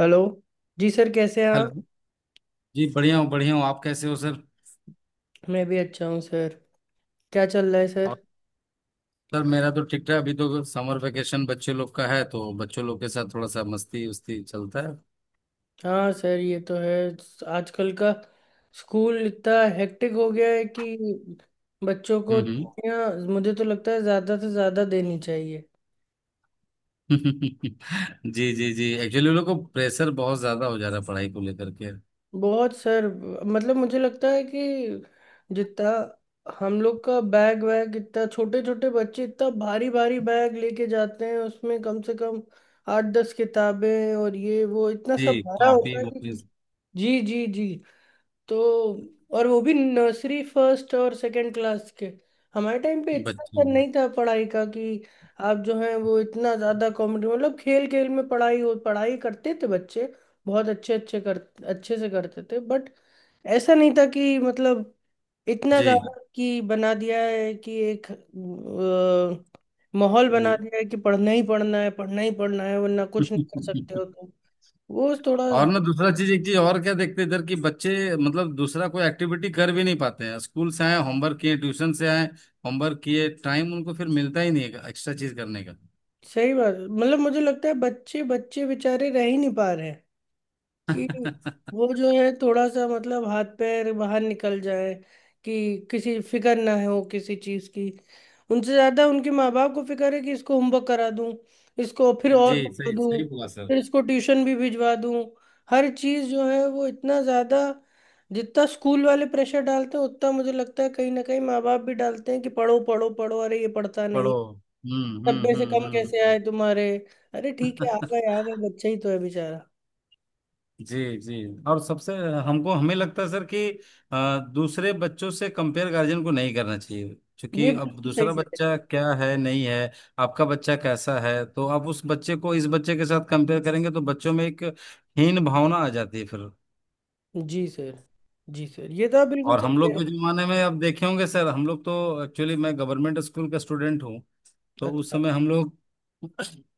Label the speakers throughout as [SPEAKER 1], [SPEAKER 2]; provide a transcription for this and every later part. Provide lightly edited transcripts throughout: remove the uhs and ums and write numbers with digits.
[SPEAKER 1] Hello जी sir, कैसे हैं आप।
[SPEAKER 2] हेलो। जी, बढ़िया हूँ बढ़िया हूँ। आप कैसे हो सर?
[SPEAKER 1] मैं भी अच्छा हूँ सर। क्या चल रहा है
[SPEAKER 2] और
[SPEAKER 1] सर।
[SPEAKER 2] सर, मेरा तो ठीक ठाक। अभी तो समर वेकेशन बच्चे लोग का है तो बच्चों लोग के साथ थोड़ा सा मस्ती उस्ती चलता है।
[SPEAKER 1] हाँ सर ये तो है। आजकल का स्कूल इतना हेक्टिक हो गया है कि बच्चों को
[SPEAKER 2] हम्म, हम्म।
[SPEAKER 1] छुट्टियाँ मुझे तो लगता है ज़्यादा से ज़्यादा देनी चाहिए।
[SPEAKER 2] जी, जी, जी। एक्चुअली उन लोग को प्रेशर बहुत ज्यादा हो जा रहा है पढ़ाई को लेकर के।
[SPEAKER 1] बहुत सर। मतलब मुझे लगता है कि जितना हम लोग का बैग वैग, इतना छोटे छोटे बच्चे इतना भारी भारी बैग लेके जाते हैं, उसमें कम से कम 8-10 किताबें और ये वो इतना
[SPEAKER 2] जी।
[SPEAKER 1] सब भरा
[SPEAKER 2] कॉपी
[SPEAKER 1] होता है
[SPEAKER 2] वॉपी।
[SPEAKER 1] कि। जी जी जी। तो और वो भी नर्सरी फर्स्ट और सेकंड क्लास के। हमारे टाइम पे इतना
[SPEAKER 2] बच्चे।
[SPEAKER 1] असर नहीं था पढ़ाई का कि आप जो हैं वो इतना ज्यादा कॉम्पिटिटिव। मतलब खेल खेल में पढ़ाई हो, पढ़ाई करते थे बच्चे, बहुत अच्छे अच्छे कर अच्छे से करते थे, बट ऐसा नहीं था कि मतलब इतना
[SPEAKER 2] जी।
[SPEAKER 1] ज्यादा कि बना दिया है कि एक माहौल बना दिया है कि पढ़ना ही पढ़ना है, पढ़ना ही पढ़ना है, वरना कुछ नहीं कर सकते हो तुम। वो थोड़ा
[SPEAKER 2] और ना, दूसरा चीज, एक चीज और क्या देखते हैं इधर, कि बच्चे मतलब दूसरा कोई एक्टिविटी कर भी नहीं पाते हैं। स्कूल से आए, होमवर्क किए, ट्यूशन से आए, होमवर्क किए, टाइम उनको फिर मिलता ही नहीं है एक्स्ट्रा चीज करने का।
[SPEAKER 1] सही बात है। मतलब मुझे लगता है बच्चे बच्चे बेचारे रह ही नहीं पा रहे हैं कि वो जो है थोड़ा सा, मतलब हाथ पैर बाहर निकल जाए कि किसी फिक्र ना हो किसी चीज की। उनसे ज्यादा उनके माँ बाप को फिक्र है कि इसको होमवर्क करा दूं, इसको फिर
[SPEAKER 2] जी,
[SPEAKER 1] और पढ़ा
[SPEAKER 2] सही
[SPEAKER 1] दूं,
[SPEAKER 2] सही बोला सर।
[SPEAKER 1] फिर इसको ट्यूशन भी भिजवा दूं। हर चीज जो है वो इतना ज्यादा, जितना स्कूल वाले प्रेशर डालते हैं उतना मुझे लगता है कहीं ना कहीं माँ बाप भी डालते हैं कि पढ़ो पढ़ो पढ़ो, अरे ये पढ़ता नहीं,
[SPEAKER 2] पढ़ो। हम्म, हम्म,
[SPEAKER 1] 90 से
[SPEAKER 2] हम्म,
[SPEAKER 1] कम कैसे
[SPEAKER 2] हम्म।
[SPEAKER 1] आए तुम्हारे। अरे ठीक है, आ
[SPEAKER 2] हम्म।
[SPEAKER 1] गए आ गए, बच्चा ही तो है बेचारा।
[SPEAKER 2] जी, जी। और सबसे हमको हमें लगता है सर कि दूसरे बच्चों से कंपेयर गार्जियन को नहीं करना चाहिए।
[SPEAKER 1] ये
[SPEAKER 2] क्योंकि अब
[SPEAKER 1] बिल्कुल सही
[SPEAKER 2] दूसरा
[SPEAKER 1] कह
[SPEAKER 2] बच्चा
[SPEAKER 1] रहे
[SPEAKER 2] क्या है, नहीं है, आपका बच्चा कैसा है, तो आप उस बच्चे को इस बच्चे के साथ कंपेयर करेंगे तो बच्चों में एक हीन भावना आ जाती है फिर।
[SPEAKER 1] हैं जी सर। जी सर, ये तो आप बिल्कुल
[SPEAKER 2] और
[SPEAKER 1] सही
[SPEAKER 2] हम
[SPEAKER 1] कह
[SPEAKER 2] लोग
[SPEAKER 1] रहे हैं।
[SPEAKER 2] के जमाने में अब देखे होंगे सर, हम लोग तो एक्चुअली, मैं गवर्नमेंट स्कूल का स्टूडेंट हूँ। तो
[SPEAKER 1] अच्छा।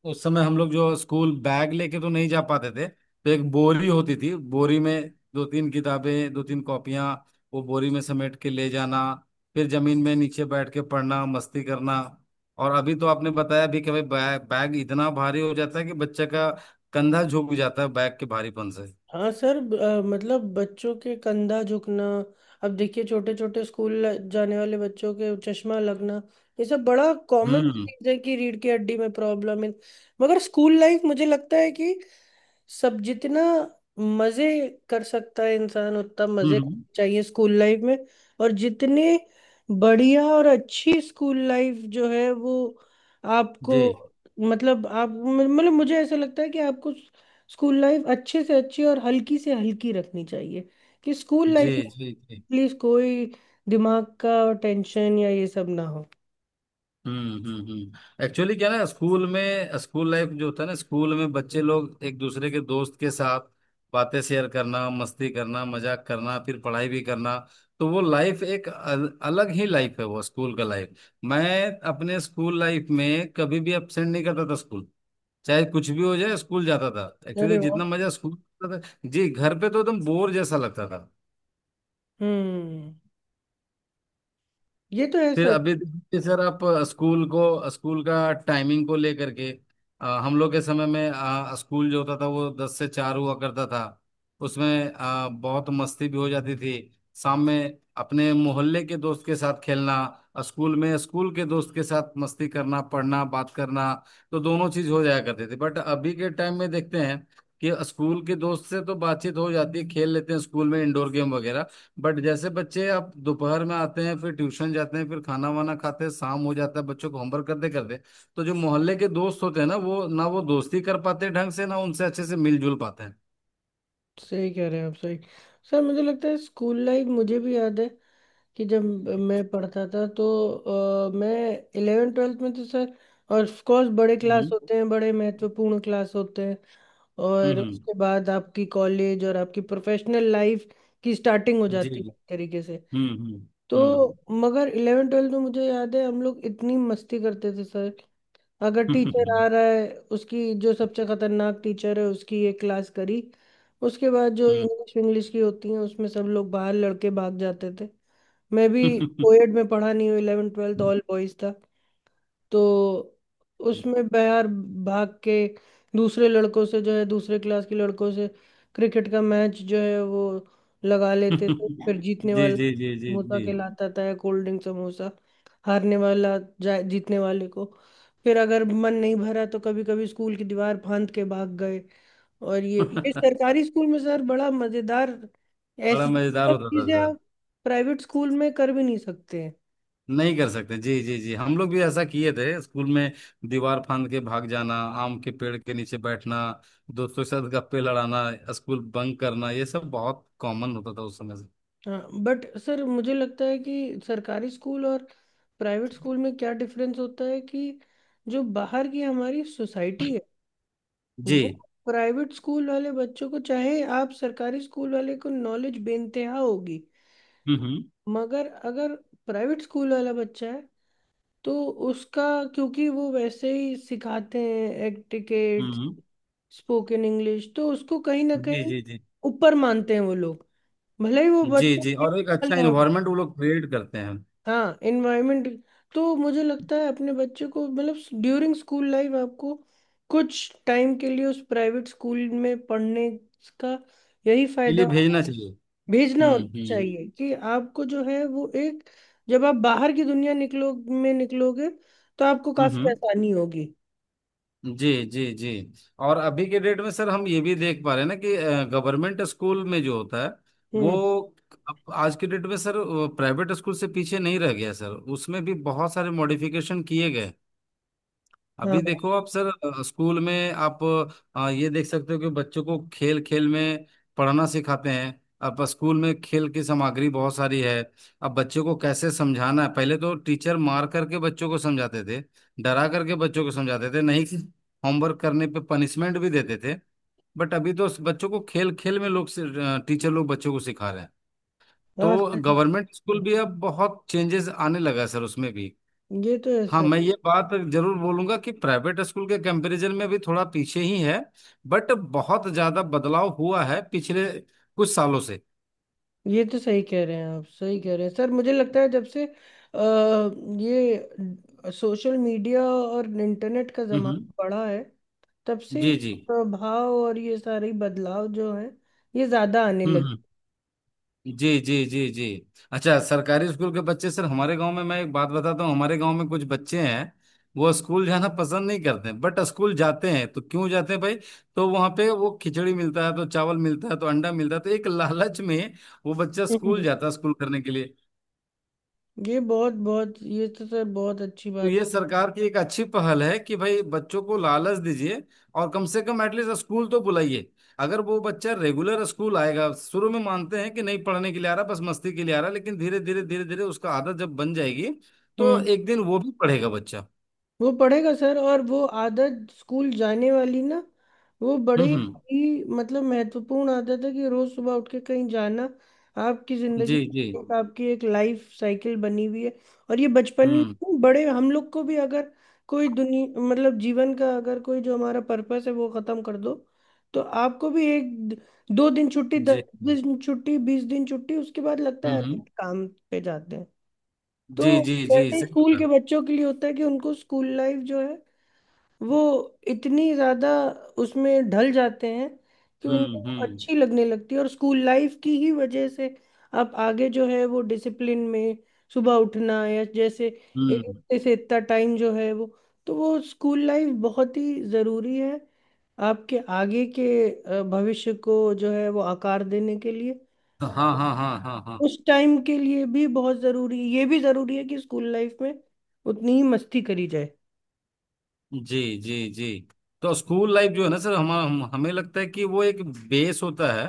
[SPEAKER 2] उस समय हम लोग जो स्कूल बैग लेके तो नहीं जा पाते थे, तो एक बोरी होती थी। बोरी में दो तीन किताबें, दो तीन कॉपियां, वो बोरी में समेट के ले जाना। फिर जमीन में नीचे बैठ के पढ़ना, मस्ती करना। और अभी तो आपने बताया भी कि भाई, बैग बैग इतना भारी हो जाता है कि बच्चे का कंधा झुक जाता है बैग के भारीपन से।
[SPEAKER 1] हाँ सर, मतलब बच्चों के कंधा झुकना, अब देखिए छोटे छोटे स्कूल जाने वाले बच्चों के चश्मा लगना, ये सब बड़ा कॉमन
[SPEAKER 2] हम्म,
[SPEAKER 1] चीज है कि रीढ़ की हड्डी में प्रॉब्लम है। मगर स्कूल लाइफ मुझे लगता है कि सब जितना मजे कर सकता है इंसान उतना मजे
[SPEAKER 2] हम्म।
[SPEAKER 1] करने चाहिए स्कूल लाइफ में। और जितने बढ़िया और अच्छी स्कूल लाइफ जो है वो आपको,
[SPEAKER 2] जी,
[SPEAKER 1] मतलब आप मतलब मुझे ऐसा लगता है कि आपको स्कूल लाइफ अच्छे से अच्छी और हल्की से हल्की रखनी चाहिए कि स्कूल
[SPEAKER 2] जी,
[SPEAKER 1] लाइफ में
[SPEAKER 2] जी, जी।
[SPEAKER 1] प्लीज कोई दिमाग का टेंशन या ये सब ना हो।
[SPEAKER 2] एक्चुअली क्या ना, स्कूल में, स्कूल लाइफ जो होता है ना, स्कूल में बच्चे लोग एक दूसरे के दोस्त के साथ बातें शेयर करना, मस्ती करना, मजाक करना, फिर पढ़ाई भी करना। तो वो लाइफ एक अलग ही लाइफ है, वो स्कूल का लाइफ। मैं अपने स्कूल लाइफ में कभी भी अपसेंट नहीं करता था स्कूल। चाहे कुछ भी हो जाए स्कूल जाता था।
[SPEAKER 1] अरे
[SPEAKER 2] एक्चुअली जितना
[SPEAKER 1] वाह।
[SPEAKER 2] मजा स्कूल था। जी, घर पे तो एकदम बोर जैसा लगता था।
[SPEAKER 1] हम्म। ये तो है
[SPEAKER 2] फिर
[SPEAKER 1] सर।
[SPEAKER 2] अभी देखिए सर, आप स्कूल का टाइमिंग को लेकर के, हम लोग के समय में स्कूल जो होता था वो 10 से 4 हुआ करता था। उसमें बहुत मस्ती भी हो जाती थी। शाम में अपने मोहल्ले के दोस्त के साथ खेलना, स्कूल में स्कूल के दोस्त के साथ मस्ती करना, पढ़ना, बात करना। तो दोनों चीज हो जाया करते थे। बट अभी के टाइम में देखते हैं कि स्कूल के दोस्त से तो बातचीत हो जाती है, खेल लेते हैं स्कूल में इंडोर गेम वगैरह। बट जैसे बच्चे आप दोपहर में आते हैं, फिर ट्यूशन जाते हैं, फिर खाना वाना खाते हैं, शाम हो जाता है बच्चों को होमवर्क करते करते। तो जो मोहल्ले के दोस्त होते हैं ना, वो दोस्ती कर पाते हैं ढंग से ना, उनसे अच्छे से मिलजुल पाते हैं।
[SPEAKER 1] सही कह रहे हैं आप, सही। सर मुझे लगता है स्कूल लाइफ, मुझे भी याद है कि जब मैं पढ़ता था तो मैं 11वीं 12वीं में तो सर, और ऑफकोर्स बड़े क्लास
[SPEAKER 2] हम्म,
[SPEAKER 1] होते हैं, बड़े महत्वपूर्ण क्लास होते हैं, और
[SPEAKER 2] हम्म।
[SPEAKER 1] उसके बाद आपकी कॉलेज और आपकी प्रोफेशनल लाइफ की स्टार्टिंग हो
[SPEAKER 2] जी,
[SPEAKER 1] जाती
[SPEAKER 2] जी।
[SPEAKER 1] है एक तरीके से।
[SPEAKER 2] हम्म,
[SPEAKER 1] तो
[SPEAKER 2] हम्म,
[SPEAKER 1] मगर 11वीं 12वीं में मुझे याद है हम लोग इतनी मस्ती करते थे सर। अगर टीचर
[SPEAKER 2] हम्म,
[SPEAKER 1] आ रहा है, उसकी जो सबसे खतरनाक टीचर है उसकी एक क्लास करी, उसके बाद जो
[SPEAKER 2] हम्म,
[SPEAKER 1] इंग्लिश इंग्लिश की होती है उसमें सब लोग बाहर लड़के भाग जाते थे। मैं भी
[SPEAKER 2] हम्म।
[SPEAKER 1] कोएड में पढ़ा नहीं हूँ, 11वीं 12वीं ऑल बॉयज था। तो उसमें मैं यार भाग के दूसरे लड़कों से जो है, दूसरे क्लास के लड़कों से क्रिकेट का मैच जो है वो लगा लेते थे, फिर जीतने
[SPEAKER 2] जी,
[SPEAKER 1] वाला
[SPEAKER 2] जी, जी, जी,
[SPEAKER 1] समोसा
[SPEAKER 2] जी।
[SPEAKER 1] खिलाता था, कोल्ड ड्रिंक समोसा, हारने वाला जा जीतने वाले को। फिर अगर मन नहीं भरा तो कभी कभी स्कूल की दीवार फांद के भाग गए। और ये सरकारी स्कूल में सर बड़ा मजेदार।
[SPEAKER 2] बड़ा
[SPEAKER 1] ऐसी
[SPEAKER 2] मजेदार
[SPEAKER 1] सब
[SPEAKER 2] होता
[SPEAKER 1] चीजें
[SPEAKER 2] था।
[SPEAKER 1] आप प्राइवेट स्कूल में कर भी नहीं सकते हैं।
[SPEAKER 2] नहीं कर सकते। जी, जी, जी। हम लोग भी ऐसा किए थे स्कूल में। दीवार फांद के भाग जाना, आम के पेड़ के नीचे बैठना, दोस्तों के साथ गप्पे लड़ाना, स्कूल बंक करना, ये सब बहुत कॉमन होता था उस समय से।
[SPEAKER 1] हाँ बट सर मुझे लगता है कि सरकारी स्कूल और प्राइवेट स्कूल में क्या डिफरेंस होता है कि जो बाहर की हमारी सोसाइटी है
[SPEAKER 2] जी।
[SPEAKER 1] वो प्राइवेट स्कूल वाले बच्चों को, चाहे आप सरकारी स्कूल वाले को नॉलेज बेनतेहा होगी,
[SPEAKER 2] हम्म,
[SPEAKER 1] मगर अगर प्राइवेट स्कूल वाला बच्चा है तो उसका, क्योंकि वो वैसे ही सिखाते हैं एटिकेट,
[SPEAKER 2] हम्म,
[SPEAKER 1] स्पोकन इंग्लिश, तो उसको कहीं ना
[SPEAKER 2] हम्म। जी,
[SPEAKER 1] कहीं
[SPEAKER 2] जी, जी,
[SPEAKER 1] ऊपर मानते हैं वो लोग, भले ही वो
[SPEAKER 2] जी,
[SPEAKER 1] बच्चे
[SPEAKER 2] जी।
[SPEAKER 1] के
[SPEAKER 2] और एक
[SPEAKER 1] साथ
[SPEAKER 2] अच्छा
[SPEAKER 1] ना हो।
[SPEAKER 2] इन्वायरमेंट वो लोग क्रिएट करते हैं।
[SPEAKER 1] हाँ एनवायरमेंट। तो मुझे लगता है अपने बच्चे को मतलब ड्यूरिंग स्कूल लाइफ आपको कुछ टाइम के लिए उस प्राइवेट स्कूल में पढ़ने का यही
[SPEAKER 2] के
[SPEAKER 1] फायदा
[SPEAKER 2] लिए भेजना
[SPEAKER 1] होगा।
[SPEAKER 2] चाहिए।
[SPEAKER 1] भेजना
[SPEAKER 2] हम्म,
[SPEAKER 1] होता
[SPEAKER 2] हम्म,
[SPEAKER 1] चाहिए कि आपको जो है वो एक, जब आप बाहर की दुनिया निकलो में निकलोगे तो आपको
[SPEAKER 2] हम्म,
[SPEAKER 1] काफी आसानी होगी।
[SPEAKER 2] जी, जी, जी। और अभी के डेट में सर, हम ये भी देख पा रहे हैं ना कि गवर्नमेंट स्कूल में जो होता है वो,
[SPEAKER 1] हम्म।
[SPEAKER 2] अब आज के डेट में सर, प्राइवेट स्कूल से पीछे नहीं रह गया सर। उसमें भी बहुत सारे मॉडिफिकेशन किए गए। अभी
[SPEAKER 1] हाँ
[SPEAKER 2] देखो आप सर, स्कूल में आप ये देख सकते हो कि बच्चों को खेल खेल में पढ़ना सिखाते हैं। अब स्कूल में खेल की सामग्री बहुत सारी है। अब बच्चों को कैसे समझाना है, पहले तो टीचर मार करके बच्चों को समझाते थे, डरा करके बच्चों को समझाते थे, नहीं होमवर्क करने पे पनिशमेंट भी देते थे। बट अभी तो बच्चों को खेल खेल में लोग, टीचर लोग बच्चों को सिखा रहे हैं।
[SPEAKER 1] हाँ।
[SPEAKER 2] तो
[SPEAKER 1] सही
[SPEAKER 2] गवर्नमेंट स्कूल भी अब बहुत चेंजेस आने लगा है सर, उसमें भी।
[SPEAKER 1] है। ये तो
[SPEAKER 2] हाँ,
[SPEAKER 1] ऐसा है।
[SPEAKER 2] मैं ये बात जरूर बोलूंगा कि प्राइवेट स्कूल के कंपैरिजन में भी थोड़ा पीछे ही है। बट बहुत ज्यादा बदलाव हुआ है पिछले कुछ सालों से।
[SPEAKER 1] ये तो सही कह रहे हैं आप, सही कह रहे हैं सर। मुझे लगता है जब से ये सोशल मीडिया और इंटरनेट का ज़माना
[SPEAKER 2] हम्म।
[SPEAKER 1] बढ़ा है तब से ये
[SPEAKER 2] जी, जी।
[SPEAKER 1] प्रभाव और ये सारे बदलाव जो हैं ये ज़्यादा आने
[SPEAKER 2] हम्म,
[SPEAKER 1] लगे।
[SPEAKER 2] हम्म। जी, जी, जी, जी। अच्छा, सरकारी स्कूल के बच्चे सर, हमारे गांव में मैं एक बात बताता हूँ। हमारे गांव में कुछ बच्चे हैं, वो स्कूल जाना पसंद नहीं करते, बट स्कूल जाते हैं, तो क्यों जाते हैं भाई? तो वहां पे वो खिचड़ी मिलता है तो, चावल मिलता है तो, अंडा मिलता है तो, एक लालच में वो बच्चा स्कूल
[SPEAKER 1] हम्म।
[SPEAKER 2] जाता है, स्कूल करने के लिए।
[SPEAKER 1] ये बहुत बहुत, ये तो सर बहुत अच्छी
[SPEAKER 2] तो
[SPEAKER 1] बात।
[SPEAKER 2] ये सरकार की एक अच्छी पहल है कि भाई, बच्चों को लालच दीजिए और कम से कम एटलीस्ट स्कूल तो बुलाइए। अगर वो बच्चा रेगुलर स्कूल आएगा, शुरू में मानते हैं कि नहीं पढ़ने के लिए आ रहा, बस मस्ती के लिए आ रहा, लेकिन धीरे धीरे धीरे धीरे उसका आदत जब बन जाएगी, तो एक दिन वो भी पढ़ेगा बच्चा।
[SPEAKER 1] वो पढ़ेगा सर, और वो आदत स्कूल जाने वाली ना, वो बड़ी
[SPEAKER 2] हम्म, हम्म।
[SPEAKER 1] ही मतलब महत्वपूर्ण आदत है कि रोज सुबह उठ के कहीं जाना। आपकी जिंदगी
[SPEAKER 2] जी, जी।
[SPEAKER 1] में एक- आपकी एक लाइफ साइकिल बनी हुई है। और ये बचपन में
[SPEAKER 2] हम्म।
[SPEAKER 1] नहीं, बड़े हम लोग को भी अगर कोई दुनिया, मतलब जीवन का अगर कोई जो हमारा पर्पस है वो खत्म कर दो तो आपको भी एक दो दिन छुट्टी,
[SPEAKER 2] जी।
[SPEAKER 1] 10 दिन छुट्टी, 20 दिन छुट्टी, उसके बाद लगता
[SPEAKER 2] हम्म,
[SPEAKER 1] है अरे,
[SPEAKER 2] हम्म।
[SPEAKER 1] काम पे जाते हैं।
[SPEAKER 2] जी,
[SPEAKER 1] तो
[SPEAKER 2] जी, जी,
[SPEAKER 1] वैसे ही
[SPEAKER 2] सही
[SPEAKER 1] स्कूल के
[SPEAKER 2] बोला।
[SPEAKER 1] बच्चों के लिए होता है कि उनको स्कूल लाइफ जो है वो इतनी ज्यादा उसमें ढल जाते हैं कि उनको
[SPEAKER 2] हम्म,
[SPEAKER 1] वो
[SPEAKER 2] हम्म,
[SPEAKER 1] अच्छी लगने लगती है। और स्कूल लाइफ की ही वजह से आप आगे जो है वो डिसिप्लिन में सुबह उठना या जैसे एक
[SPEAKER 2] हम्म।
[SPEAKER 1] हफ्ते से इतना टाइम जो है वो, तो वो स्कूल लाइफ बहुत ही जरूरी है आपके आगे के भविष्य को जो है वो आकार देने के लिए।
[SPEAKER 2] हाँ, हाँ। हाँ, हाँ, हाँ।
[SPEAKER 1] उस टाइम के लिए भी बहुत जरूरी, ये भी जरूरी है कि स्कूल लाइफ में उतनी ही मस्ती करी जाए।
[SPEAKER 2] जी, जी, जी। तो स्कूल लाइफ जो है ना सर, हम हमें लगता है कि वो एक बेस होता है।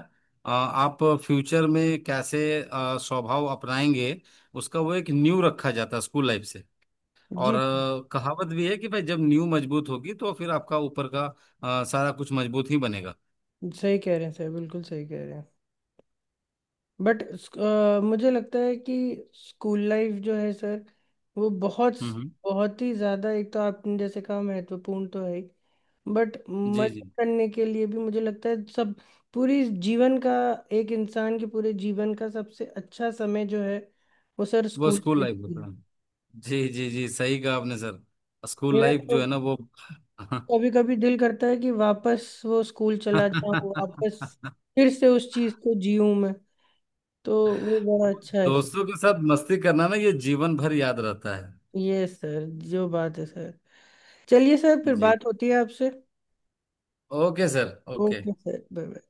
[SPEAKER 2] आप फ्यूचर में कैसे स्वभाव अपनाएंगे, उसका वो एक नींव रखा जाता है स्कूल लाइफ से। और
[SPEAKER 1] जी
[SPEAKER 2] कहावत भी है कि भाई, जब नींव मजबूत होगी तो फिर आपका ऊपर का सारा कुछ मजबूत ही बनेगा।
[SPEAKER 1] सही कह रहे हैं सर, बिल्कुल सही कह रहे हैं। बट मुझे लगता है कि स्कूल लाइफ जो है सर, वो बहुत
[SPEAKER 2] हम्म, हम्म।
[SPEAKER 1] बहुत ही ज़्यादा, एक तो आपने जैसे कहा महत्वपूर्ण तो है, बट
[SPEAKER 2] जी,
[SPEAKER 1] मजा
[SPEAKER 2] जी।
[SPEAKER 1] करने के लिए भी मुझे लगता है सब, पूरी जीवन का एक इंसान के पूरे जीवन का सबसे अच्छा समय जो है वो सर
[SPEAKER 2] वो
[SPEAKER 1] स्कूल
[SPEAKER 2] स्कूल
[SPEAKER 1] लाइफ
[SPEAKER 2] लाइफ
[SPEAKER 1] ही
[SPEAKER 2] होता
[SPEAKER 1] है।
[SPEAKER 2] है। जी, जी, जी, सही कहा आपने सर। स्कूल
[SPEAKER 1] मेरा
[SPEAKER 2] लाइफ
[SPEAKER 1] तो
[SPEAKER 2] जो है ना वो,
[SPEAKER 1] कभी कभी दिल करता है कि वापस वो स्कूल चला जाऊं, वापस फिर से उस चीज को जीऊं मैं। तो वो बड़ा अच्छा है सर।
[SPEAKER 2] दोस्तों के साथ मस्ती करना ना, ये जीवन भर याद रहता है।
[SPEAKER 1] ये सर जो बात है सर, चलिए सर फिर
[SPEAKER 2] जी।
[SPEAKER 1] बात होती है आपसे।
[SPEAKER 2] Okay sir, okay.
[SPEAKER 1] Okay sir bye bye.